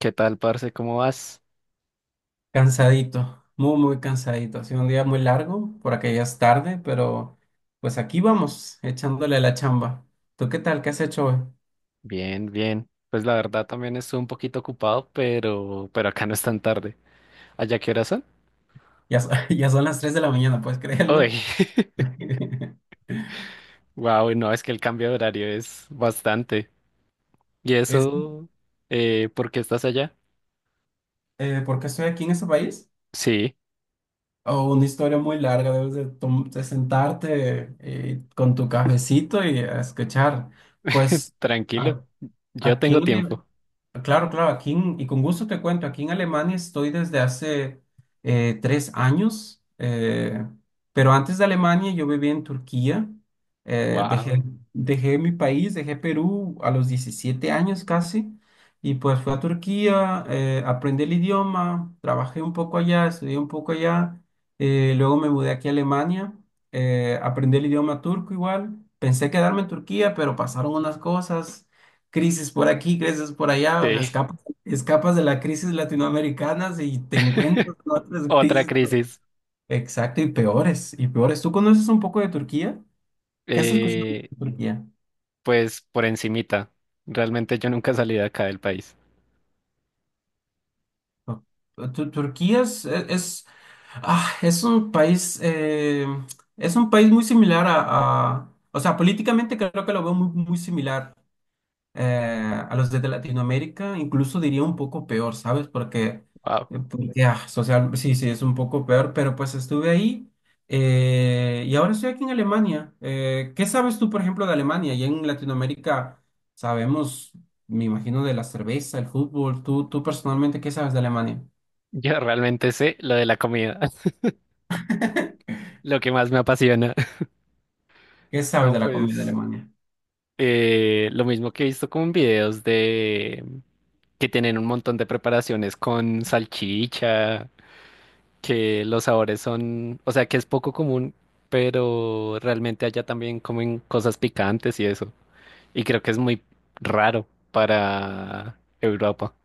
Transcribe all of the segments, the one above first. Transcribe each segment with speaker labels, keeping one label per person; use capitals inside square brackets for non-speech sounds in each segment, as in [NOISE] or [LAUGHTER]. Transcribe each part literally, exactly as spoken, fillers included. Speaker 1: ¿Qué tal, parce? ¿Cómo vas?
Speaker 2: Cansadito, muy, muy cansadito. Ha sido un día muy largo, por acá ya es tarde, pero pues aquí vamos, echándole la chamba. ¿Tú qué tal? ¿Qué has hecho hoy?
Speaker 1: Bien, bien. Pues la verdad también estuve un poquito ocupado, pero, pero acá no es tan tarde. ¿Allá qué horas son?
Speaker 2: Ya, so- [LAUGHS] ya son las tres de la mañana, ¿puedes
Speaker 1: Uy,
Speaker 2: creerlo? [LAUGHS]
Speaker 1: [LAUGHS] wow, no, es que el cambio de horario es bastante. ¿Y
Speaker 2: Es,
Speaker 1: eso? Eh, ¿por qué estás allá?
Speaker 2: eh, ¿Por qué estoy aquí en este país?
Speaker 1: Sí,
Speaker 2: o una historia muy larga, debes de, tom- de sentarte eh, con tu cafecito y a escuchar. Pues
Speaker 1: tranquilo.
Speaker 2: a-
Speaker 1: Yo
Speaker 2: aquí en
Speaker 1: tengo
Speaker 2: el-
Speaker 1: tiempo.
Speaker 2: Claro, claro, aquí en- y con gusto te cuento, aquí en Alemania estoy desde hace eh, tres años, eh, pero antes de Alemania yo vivía en Turquía, eh, dejé,
Speaker 1: Wow.
Speaker 2: dejé mi país, dejé Perú a los diecisiete años casi, y pues fui a Turquía, eh, aprendí el idioma, trabajé un poco allá, estudié un poco allá, eh, luego me mudé aquí a Alemania, eh, aprendí el idioma turco igual, pensé quedarme en Turquía, pero pasaron unas cosas crisis por aquí, crisis por allá, o sea,
Speaker 1: Sí.
Speaker 2: escapas, escapas de la crisis latinoamericana y te encuentras con
Speaker 1: [LAUGHS]
Speaker 2: otras [LAUGHS]
Speaker 1: Otra
Speaker 2: crisis. pero-
Speaker 1: crisis.
Speaker 2: Exacto, y peores, y peores. ¿Tú conoces un poco de Turquía? ¿Qué has escuchado
Speaker 1: Eh,
Speaker 2: de Turquía?
Speaker 1: pues por encimita. Realmente yo nunca salí de acá del país.
Speaker 2: No. Tu- Turquía es, e, es, ah, es un país, eh, es un país muy similar a, a- o sea, políticamente creo que lo veo muy, muy similar eh, a los de Latinoamérica, incluso diría un poco peor, ¿sabes? Porque,
Speaker 1: Wow.
Speaker 2: eh, porque, ah, social, sí, sí, es un poco peor, pero pues estuve ahí eh, y ahora estoy aquí en Alemania. Eh, ¿qué sabes tú, por ejemplo, de Alemania? Y en Latinoamérica sabemos, me imagino, de la cerveza, el fútbol. ¿Tú, tú personalmente, qué sabes de Alemania?
Speaker 1: [LAUGHS] Yo realmente sé lo de la comida,
Speaker 2: [LAUGHS]
Speaker 1: [LAUGHS] lo que más me apasiona.
Speaker 2: ¿Qué sabes
Speaker 1: No,
Speaker 2: de la comida de
Speaker 1: pues
Speaker 2: Alemania?
Speaker 1: eh, lo mismo que he visto como en videos de que tienen un montón de preparaciones con salchicha, que los sabores son, o sea, que es poco común, pero realmente allá también comen cosas picantes y eso. Y creo que es muy raro para Europa.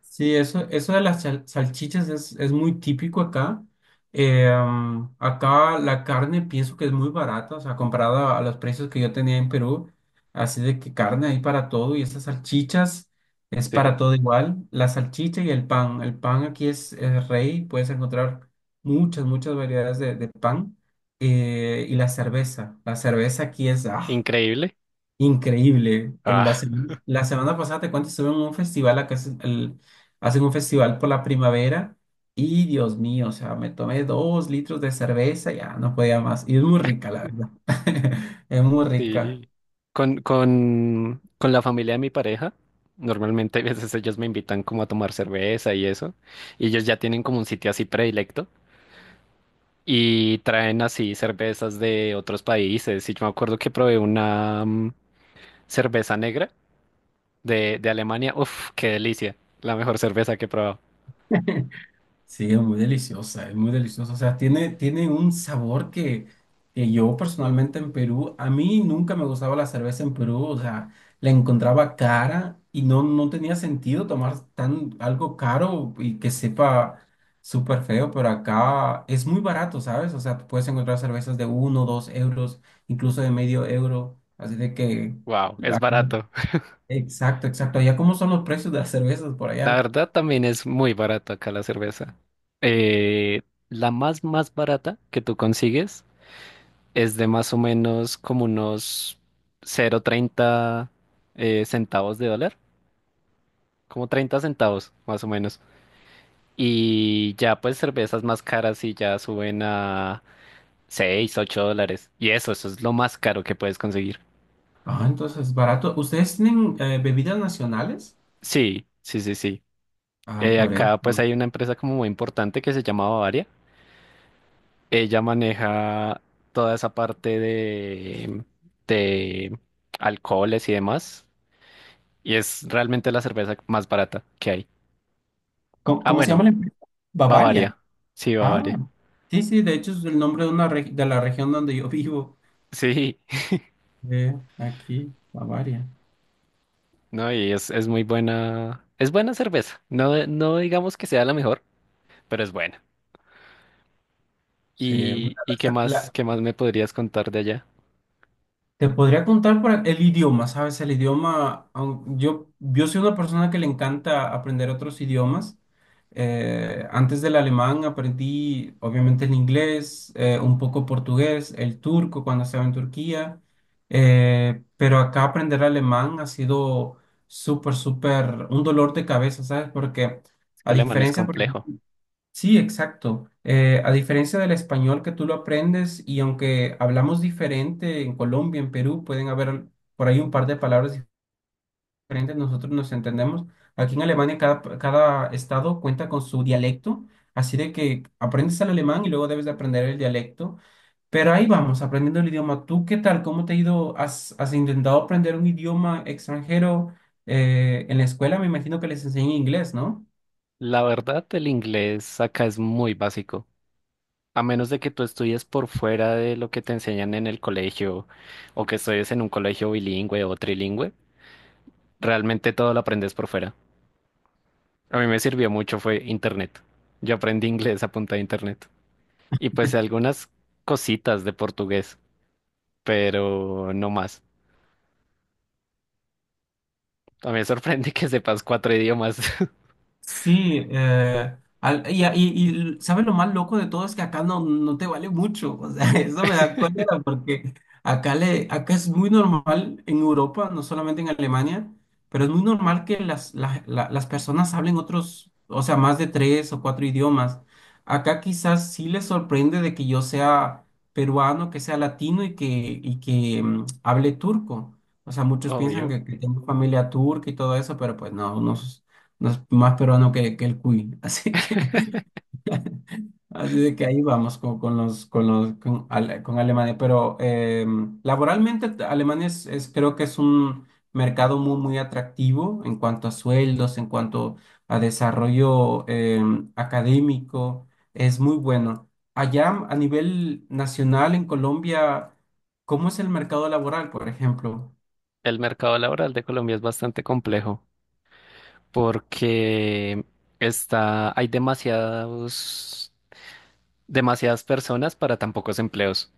Speaker 2: Sí, eso, eso de las sal- salchichas es, es muy típico acá. Eh, am, acá la carne pienso que es muy barata, o sea, comparada a los precios que yo tenía en Perú. Así de que carne hay para todo y esas salchichas es
Speaker 1: Sí,
Speaker 2: para todo igual. La salchicha y el pan. El pan aquí es, es rey, puedes encontrar muchas, muchas variedades de, de pan. Eh, y la cerveza. La cerveza aquí es, ¡ah!
Speaker 1: increíble.
Speaker 2: Increíble. En La,
Speaker 1: Ah.
Speaker 2: sem- la semana pasada, te cuento, estuve en un festival. Acá es el- hacen un festival por la primavera y Dios mío, o sea, me tomé dos litros de cerveza, ya no podía más. Y es muy rica, la verdad. [LAUGHS] Es muy rica.
Speaker 1: Sí. Con, con, con la familia de mi pareja, normalmente [LAUGHS] a veces ellos me invitan como a tomar cerveza y eso, y ellos ya tienen como un sitio así predilecto y traen así cervezas de otros países. Y yo me acuerdo que probé una mm, cerveza negra de, de Alemania. Uf, qué delicia. La mejor cerveza que he probado.
Speaker 2: Sí, es muy deliciosa, es muy deliciosa. O sea, tiene, tiene un sabor que, que yo personalmente en Perú, a mí nunca me gustaba la cerveza en Perú. O sea, la encontraba cara y no, no tenía sentido tomar tan algo caro y que sepa súper feo, pero acá es muy barato, ¿sabes? O sea, tú puedes encontrar cervezas de uno, dos euros, incluso de medio euro. Así de que.
Speaker 1: Wow, es
Speaker 2: la-
Speaker 1: barato.
Speaker 2: Exacto, exacto. Allá, ¿cómo son los precios de las cervezas por
Speaker 1: [LAUGHS] La
Speaker 2: allá?
Speaker 1: verdad también es muy barato acá la cerveza. Eh, la más, más barata que tú consigues es de más o menos como unos cero punto treinta eh, centavos de dólar, como treinta centavos más o menos. Y ya pues cervezas más caras y ya suben a seis ocho dólares. Y eso, eso es lo más caro que puedes conseguir.
Speaker 2: Ah, entonces, barato. ¿Ustedes tienen eh, bebidas nacionales?
Speaker 1: Sí, sí, sí, sí.
Speaker 2: Ah,
Speaker 1: Eh,
Speaker 2: por
Speaker 1: acá pues
Speaker 2: eso.
Speaker 1: hay una empresa como muy importante que se llama Bavaria. Ella maneja toda esa parte de, de alcoholes y demás. Y es realmente la cerveza más barata que hay.
Speaker 2: ¿Cómo,
Speaker 1: Ah,
Speaker 2: cómo se
Speaker 1: bueno,
Speaker 2: llama la empresa?
Speaker 1: Bavaria.
Speaker 2: Bavaria.
Speaker 1: Sí, Bavaria.
Speaker 2: Ah, sí, sí, de hecho es el nombre de una reg- de la región donde yo [LAUGHS] vivo,
Speaker 1: Sí,
Speaker 2: eh, aquí, Bavaria.
Speaker 1: [LAUGHS] no, y es, es muy buena. Es buena cerveza. No, no digamos que sea la mejor, pero es buena.
Speaker 2: Sí, bueno,
Speaker 1: ¿Y, y qué más,
Speaker 2: la,
Speaker 1: qué más me podrías contar de allá?
Speaker 2: Te podría contar por el idioma, ¿sabes? El idioma, aun- yo, yo soy una persona que le encanta aprender otros idiomas. Eh, antes del alemán aprendí, obviamente, el inglés, eh, un poco portugués, el turco cuando estaba en Turquía. Eh, pero acá aprender alemán ha sido súper, súper un dolor de cabeza, ¿sabes? Porque
Speaker 1: Es que
Speaker 2: a
Speaker 1: el alemán es
Speaker 2: diferencia, por
Speaker 1: complejo.
Speaker 2: sí, exacto. Eh, a diferencia del español que tú lo aprendes y aunque hablamos diferente en Colombia, en Perú, pueden haber al- por ahí un par de palabras diferentes, nosotros nos entendemos. Aquí en Alemania cada, pa- cada estado cuenta con su dialecto, así de que aprendes el alemán y luego debes de aprender el dialecto. Pero ahí vamos, aprendiendo el idioma. ¿Tú qué tal? ¿Cómo te ha ido? ¿Has, has intentado aprender un idioma extranjero? Eh, en la escuela me imagino que les enseñan inglés, ¿no?
Speaker 1: La verdad, el inglés acá es muy básico. A menos de que tú estudies por fuera de lo que te enseñan en el colegio, o que estudies en un colegio bilingüe o trilingüe, realmente todo lo aprendes por fuera. A mí me sirvió mucho fue internet. Yo aprendí inglés a punta de internet. Y pues algunas cositas de portugués, pero no más. A mí me sorprende [LAUGHS] que sepas cuatro idiomas,
Speaker 2: Sí, eh, al- y, y, y ¿sabes lo más loco de todo? Es que acá no, no te vale mucho, o sea, [LAUGHS] eso me da cólera porque acá, le, acá es muy normal en Europa, no solamente en Alemania, pero es muy normal que las, la- la- las personas hablen otros, o sea, más de tres o cuatro idiomas. Acá quizás sí les sorprende de que yo sea peruano, que sea latino y que, y que mm, hable turco. O sea,
Speaker 1: [LAUGHS]
Speaker 2: muchos piensan
Speaker 1: obvio.
Speaker 2: que, que tengo familia turca y todo eso, pero pues no, no no es más peruano que, que el cuy. [LAUGHS] Así que, así de que ahí vamos con, con los, con los, con, Ale- con Alemania. Pero eh, laboralmente Alemania es, es- creo que es un mercado muy, muy atractivo en cuanto a sueldos, en cuanto a desarrollo eh, académico. Es muy bueno. Allá a nivel nacional en Colombia, ¿cómo es el mercado laboral, por ejemplo?
Speaker 1: El mercado laboral de Colombia es bastante complejo porque está, hay demasiados, demasiadas personas para tan pocos empleos.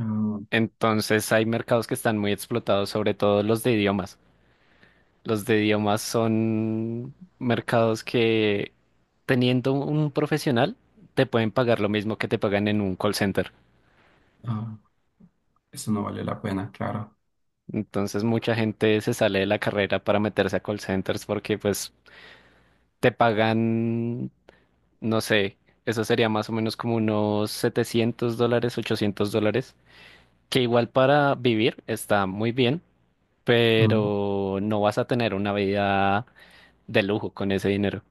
Speaker 2: Ah,
Speaker 1: Entonces hay mercados que están muy explotados, sobre todo los de idiomas. Los de idiomas son mercados que teniendo un profesional te pueden pagar lo mismo que te pagan en un call center.
Speaker 2: ah, eso no vale la pena, claro.
Speaker 1: Entonces mucha gente se sale de la carrera para meterse a call centers porque pues te pagan, no sé, eso sería más o menos como unos setecientos dólares, ochocientos dólares, que igual para vivir está muy bien, pero no vas a tener una vida de lujo con ese dinero.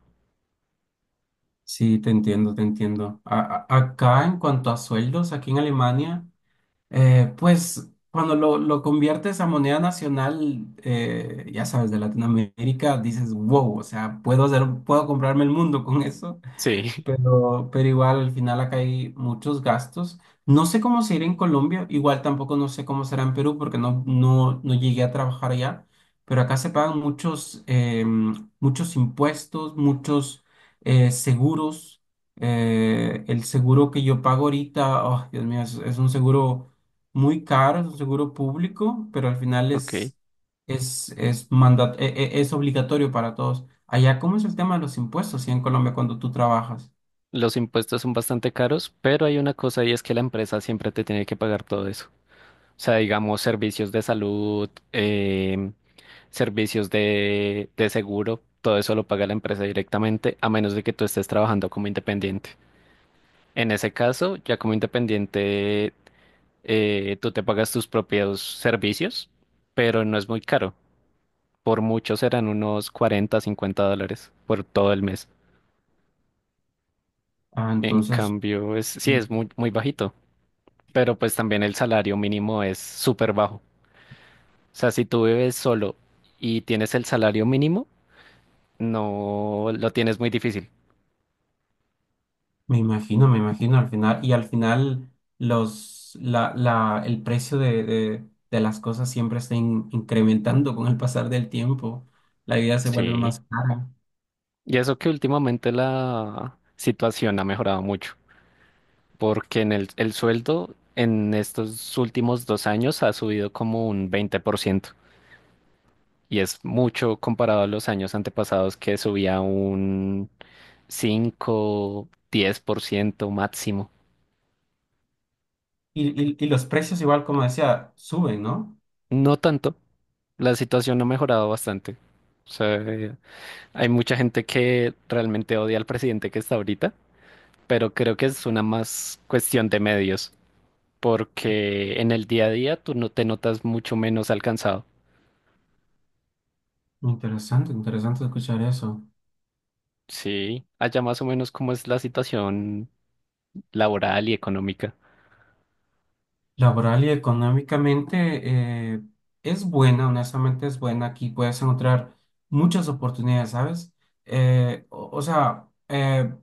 Speaker 2: Sí, te entiendo, te entiendo. A- a- acá en cuanto a sueldos, aquí en Alemania, eh, pues cuando lo, lo conviertes a moneda nacional, eh, ya sabes, de Latinoamérica, dices, wow, o sea, puedo hacer, puedo comprarme el mundo con eso.
Speaker 1: Sí,
Speaker 2: Pero, pero igual al final acá hay muchos gastos. No sé cómo será en Colombia, igual tampoco no sé cómo será en Perú porque no, no, no llegué a trabajar allá, pero acá se pagan muchos, em, muchos impuestos, muchos eh, seguros. Eh, el seguro que yo pago ahorita, oh, Dios mío, es, es un seguro muy caro, es un seguro público, pero al final
Speaker 1: [LAUGHS] ok.
Speaker 2: es, es, es, mandat- e- e- es obligatorio para todos. Allá, ¿cómo es el tema de los impuestos, sí, en Colombia cuando tú trabajas?
Speaker 1: Los impuestos son bastante caros, pero hay una cosa y es que la empresa siempre te tiene que pagar todo eso. O sea, digamos, servicios de salud, em, servicios de, de seguro, todo eso lo paga la empresa directamente, a menos de que tú estés trabajando como independiente. En ese caso, ya como independiente, eh, tú te pagas tus propios servicios, pero no es muy caro. Por mucho serán unos cuarenta cincuenta dólares por todo el mes.
Speaker 2: Ah,
Speaker 1: En
Speaker 2: entonces,
Speaker 1: cambio, es, sí,
Speaker 2: sí,
Speaker 1: es muy, muy bajito, pero pues también el salario mínimo es súper bajo. O sea, si tú vives solo y tienes el salario mínimo, no lo tienes muy difícil.
Speaker 2: me imagino, me imagino al final, y al final los, la, la, el precio de, de, de las cosas siempre está in- incrementando con el pasar del tiempo, la vida se vuelve
Speaker 1: Sí.
Speaker 2: más cara.
Speaker 1: Y eso que últimamente la situación ha mejorado mucho, porque en el, el sueldo en estos últimos dos años ha subido como un veinte por ciento y es mucho comparado a los años antepasados que subía un cinco diez por ciento máximo.
Speaker 2: Y, y, y los precios igual, como decía, suben, ¿no?
Speaker 1: No tanto, la situación ha mejorado bastante. O sea, eh, hay mucha gente que realmente odia al presidente que está ahorita, pero creo que es una más cuestión de medios, porque en el día a día tú no te notas mucho menos alcanzado.
Speaker 2: Interesante, interesante escuchar eso.
Speaker 1: Sí, allá más o menos cómo es la situación laboral y económica.
Speaker 2: Laboral y económicamente eh, es buena, honestamente es buena. Aquí puedes encontrar muchas oportunidades, ¿sabes? Eh, o, o sea, eh,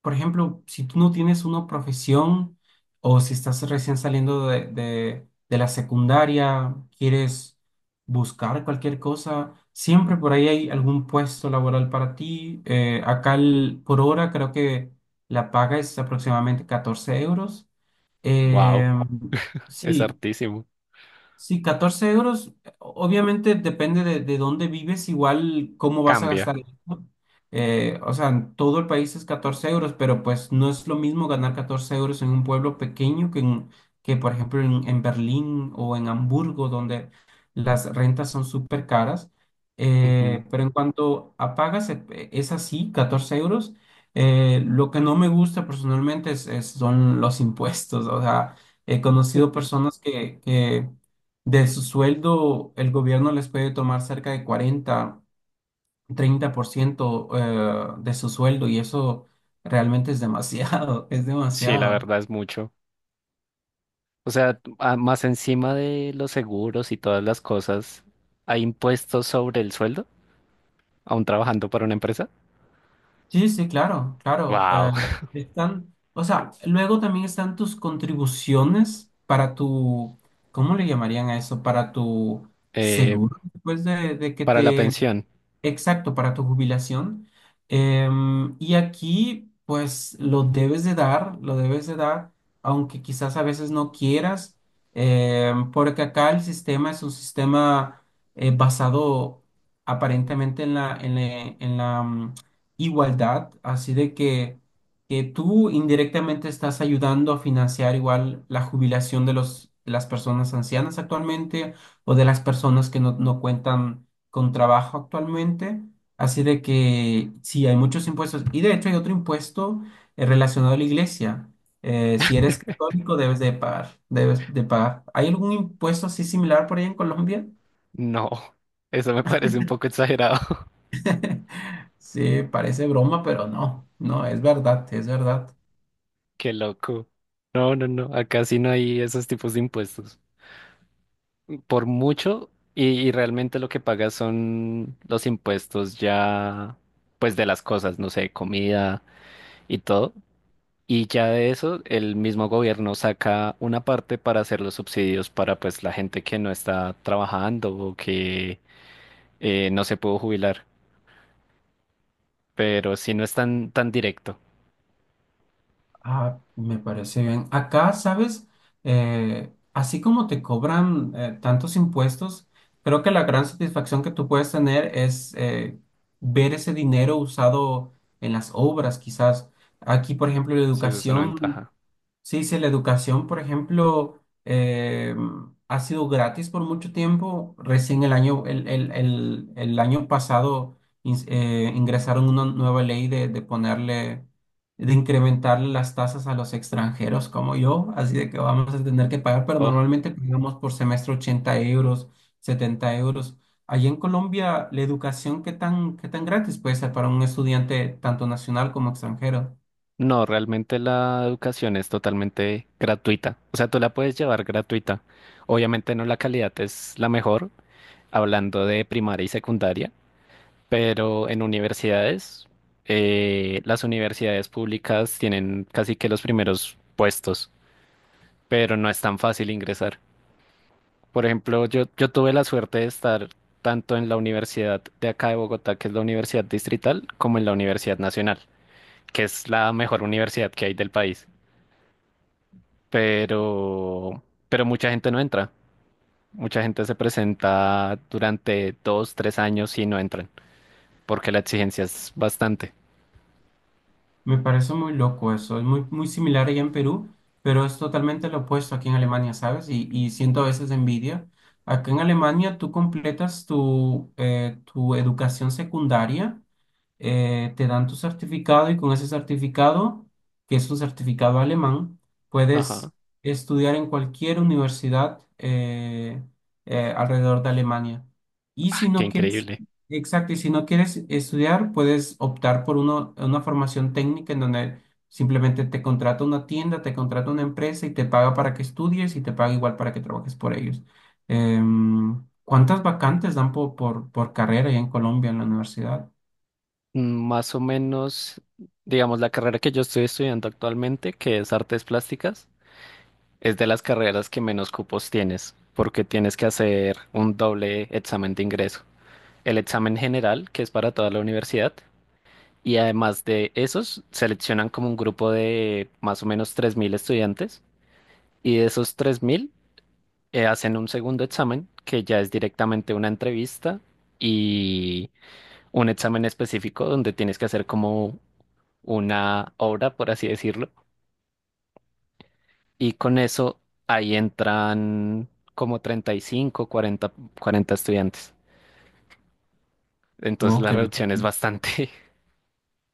Speaker 2: por ejemplo, si tú no tienes una profesión o si estás recién saliendo de, de- de la secundaria, quieres buscar cualquier cosa, siempre por ahí hay algún puesto laboral para ti. Eh, acá el- por hora creo que la paga es aproximadamente catorce euros.
Speaker 1: Wow,
Speaker 2: Em,
Speaker 1: es
Speaker 2: Sí,
Speaker 1: hartísimo.
Speaker 2: sí, catorce euros, obviamente depende de, de dónde vives, igual cómo vas a
Speaker 1: Cambia.
Speaker 2: gastar el dinero. Eh, o sea, en todo el país es catorce euros, pero pues no es lo mismo ganar catorce euros en un pueblo pequeño que, en- que por ejemplo, en, en Berlín o en Hamburgo, donde las rentas son súper caras.
Speaker 1: Ujú.
Speaker 2: Eh, pero en cuanto a pagas, e- es así, catorce euros. Eh, lo que no me gusta personalmente es, es- son los impuestos. O sea, he conocido personas que, que de su sueldo, el gobierno les puede tomar cerca de cuarenta, treinta por ciento eh, de su sueldo y eso realmente es demasiado, [LAUGHS] es
Speaker 1: Sí, la
Speaker 2: demasiado.
Speaker 1: verdad es mucho. O sea, a- más encima de los seguros y todas las cosas, ¿hay impuestos sobre el sueldo? ¿Aún trabajando para una empresa?
Speaker 2: Sí, sí, claro, claro. Eh,
Speaker 1: Wow. [LAUGHS]
Speaker 2: están, o sea, luego también están tus contribuciones para tu, ¿cómo le llamarían a eso? Para tu
Speaker 1: Eh,
Speaker 2: seguro, después de, de que
Speaker 1: para la
Speaker 2: te.
Speaker 1: pensión,
Speaker 2: Exacto, para tu jubilación. Em, y aquí, pues, lo debes de dar, lo debes de dar, aunque quizás a veces no quieras, em, porque acá el sistema es un sistema eh, basado aparentemente en la, en la, en la, mm, igualdad, así de que, que tú indirectamente estás ayudando a financiar igual la jubilación de los, de las personas ancianas actualmente o de las personas que no, no cuentan con trabajo actualmente, así de que sí, hay muchos impuestos. Y de hecho hay otro impuesto eh, relacionado a la iglesia. Eh, si eres católico, debes de pagar, debes de pagar. ¿Hay algún impuesto así similar por ahí en Colombia?
Speaker 1: no. Eso me parece un poco exagerado.
Speaker 2: [LAUGHS] Sí, parece broma, pero no, no, es verdad, es verdad.
Speaker 1: Qué loco. No, no, no. Acá sí no hay esos tipos de impuestos. Por mucho, y, y realmente lo que pagas son los impuestos ya, pues de las cosas, no sé, comida y todo. Y ya de eso, el mismo gobierno saca una parte para hacer los subsidios para pues la gente que no está trabajando o que eh, no se pudo jubilar. Pero sí no es tan, tan directo.
Speaker 2: Ah, me parece bien. Acá, ¿sabes? Eh, así como te cobran eh, tantos impuestos, creo que la gran satisfacción que tú puedes tener es eh, ver ese dinero usado en las obras, quizás. Aquí, por ejemplo, la
Speaker 1: Sí, esa es una
Speaker 2: educación,
Speaker 1: ventaja.
Speaker 2: sí, sí, la educación, por ejemplo, eh, ha sido gratis por mucho tiempo. Recién el año, el, el, el, el año pasado ins- eh, ingresaron una nueva ley de de ponerle de incrementar las tasas a los extranjeros como yo, así de que vamos a tener que pagar, pero
Speaker 1: Oh.
Speaker 2: normalmente pagamos por semestre ochenta euros, setenta euros. Allí en Colombia, ¿la educación qué tan, qué tan gratis puede ser para un estudiante tanto nacional como extranjero?
Speaker 1: No, realmente la educación es totalmente gratuita. O sea, tú la puedes llevar gratuita. Obviamente no la calidad es la mejor, hablando de primaria y secundaria, pero en universidades, eh, las universidades públicas tienen casi que los primeros puestos, pero no es tan fácil ingresar. Por ejemplo, yo, yo tuve la suerte de estar tanto en la universidad de acá de Bogotá, que es la Universidad Distrital, como en la Universidad Nacional, que es la mejor universidad que hay del país. pero, pero mucha gente no entra. Mucha gente se presenta durante dos, tres años y no entran, porque la exigencia es bastante.
Speaker 2: Me parece muy loco eso, es muy, muy similar allá en Perú, pero es totalmente lo opuesto aquí en Alemania, ¿sabes? Y, y siento a veces envidia. Acá en Alemania tú completas tu, eh, tu educación secundaria eh, te dan tu certificado y con ese certificado, que es un certificado alemán,
Speaker 1: Ajá.
Speaker 2: puedes estudiar en cualquier universidad eh, eh, alrededor de Alemania. Y
Speaker 1: Ah,
Speaker 2: si
Speaker 1: qué
Speaker 2: no quieres,
Speaker 1: increíble.
Speaker 2: exacto, y si no quieres estudiar, puedes optar por uno- una formación técnica en donde simplemente te contrata una tienda, te contrata una empresa y te paga para que estudies y te paga igual para que trabajes por ellos. Em, ¿cuántas vacantes dan po- por, por carrera ahí en Colombia en la universidad?
Speaker 1: Mm, Más o menos, digamos, la carrera que yo estoy estudiando actualmente, que es artes plásticas, es de las carreras que menos cupos tienes, porque tienes que hacer un doble examen de ingreso. El examen general, que es para toda la universidad, y además de esos, seleccionan como un grupo de más o menos tres mil estudiantes y de esos tres mil eh, hacen un segundo examen que ya es directamente una entrevista y un examen específico donde tienes que hacer como una obra, por así decirlo. Y con eso ahí entran como treinta y cinco cuarenta cuarenta estudiantes. Entonces
Speaker 2: Wow,
Speaker 1: la
Speaker 2: qué
Speaker 1: reducción es bastante. [LAUGHS]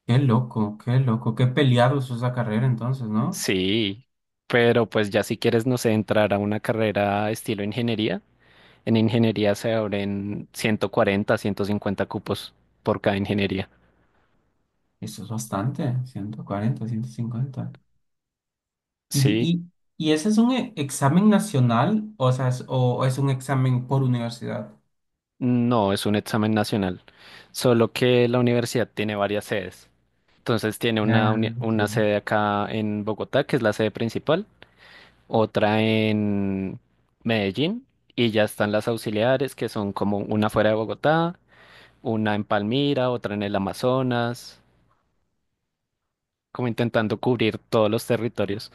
Speaker 2: Qué loco, qué loco, qué peleado es esa carrera entonces, ¿no?
Speaker 1: Sí, pero pues ya si quieres, no sé, entrar a una carrera estilo ingeniería. En ingeniería se abren ciento cuarenta, ciento cincuenta cupos por cada ingeniería.
Speaker 2: Eso es bastante, ciento cuarenta, ciento cincuenta.
Speaker 1: Sí,
Speaker 2: ¿Y, y, y ese es un e- examen nacional o sea, es, o, o es un examen por universidad?
Speaker 1: no, es un examen nacional, solo que la universidad tiene varias sedes. Entonces tiene
Speaker 2: Ah,
Speaker 1: una, uni- una
Speaker 2: sí.
Speaker 1: sede acá en Bogotá, que es la sede principal, otra en Medellín, y ya están las auxiliares, que son como una fuera de Bogotá, una en Palmira, otra en el Amazonas, como intentando cubrir todos los territorios.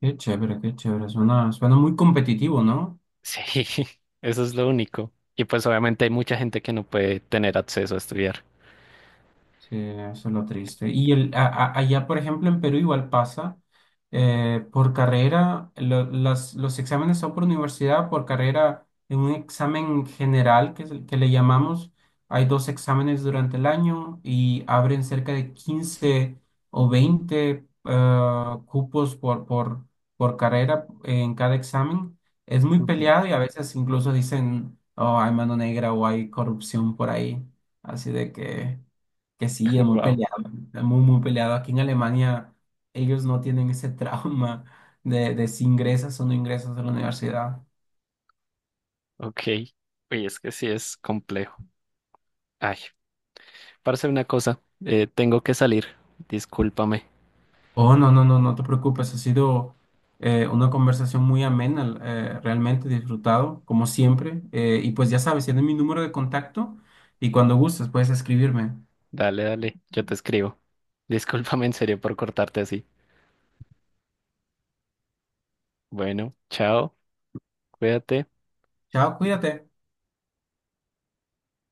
Speaker 2: Qué chévere, qué chévere, suena, suena muy competitivo, ¿no?
Speaker 1: Sí, [LAUGHS] eso es lo único. Y pues obviamente hay mucha gente que no puede tener acceso a estudiar.
Speaker 2: Sí, eso es lo triste. Y el, a- a- allá, por ejemplo, en Perú igual pasa. Eh, por carrera, lo- las- los exámenes son por universidad, por carrera, en un examen general que, es el que le llamamos, hay dos exámenes durante el año y abren cerca de quince o veinte ah, cupos por, por, por carrera en cada examen. Es muy
Speaker 1: Ujú.
Speaker 2: peleado y a veces incluso dicen, oh, hay mano negra o hay corrupción por ahí. Así de que. Que
Speaker 1: [LAUGHS]
Speaker 2: sí, es muy
Speaker 1: Wow,
Speaker 2: peleado, es muy, muy peleado. Aquí en Alemania ellos no tienen ese [LAUGHS] trauma de, de si ingresas o no ingresas a la universidad.
Speaker 1: ok. Oye, es que sí es complejo. Ay, para hacer una cosa, eh, tengo que salir. Discúlpame.
Speaker 2: Oh, no, no, no, no te preocupes, ha sido eh, una conversación muy amena, eh, realmente disfrutado, como siempre. Eh, y pues ya sabes, tienes mi número de contacto y cuando gustes puedes escribirme.
Speaker 1: Dale, dale, yo te escribo. Discúlpame en serio por cortarte así. Bueno, chao, cuídate.
Speaker 2: Chao, cuídate.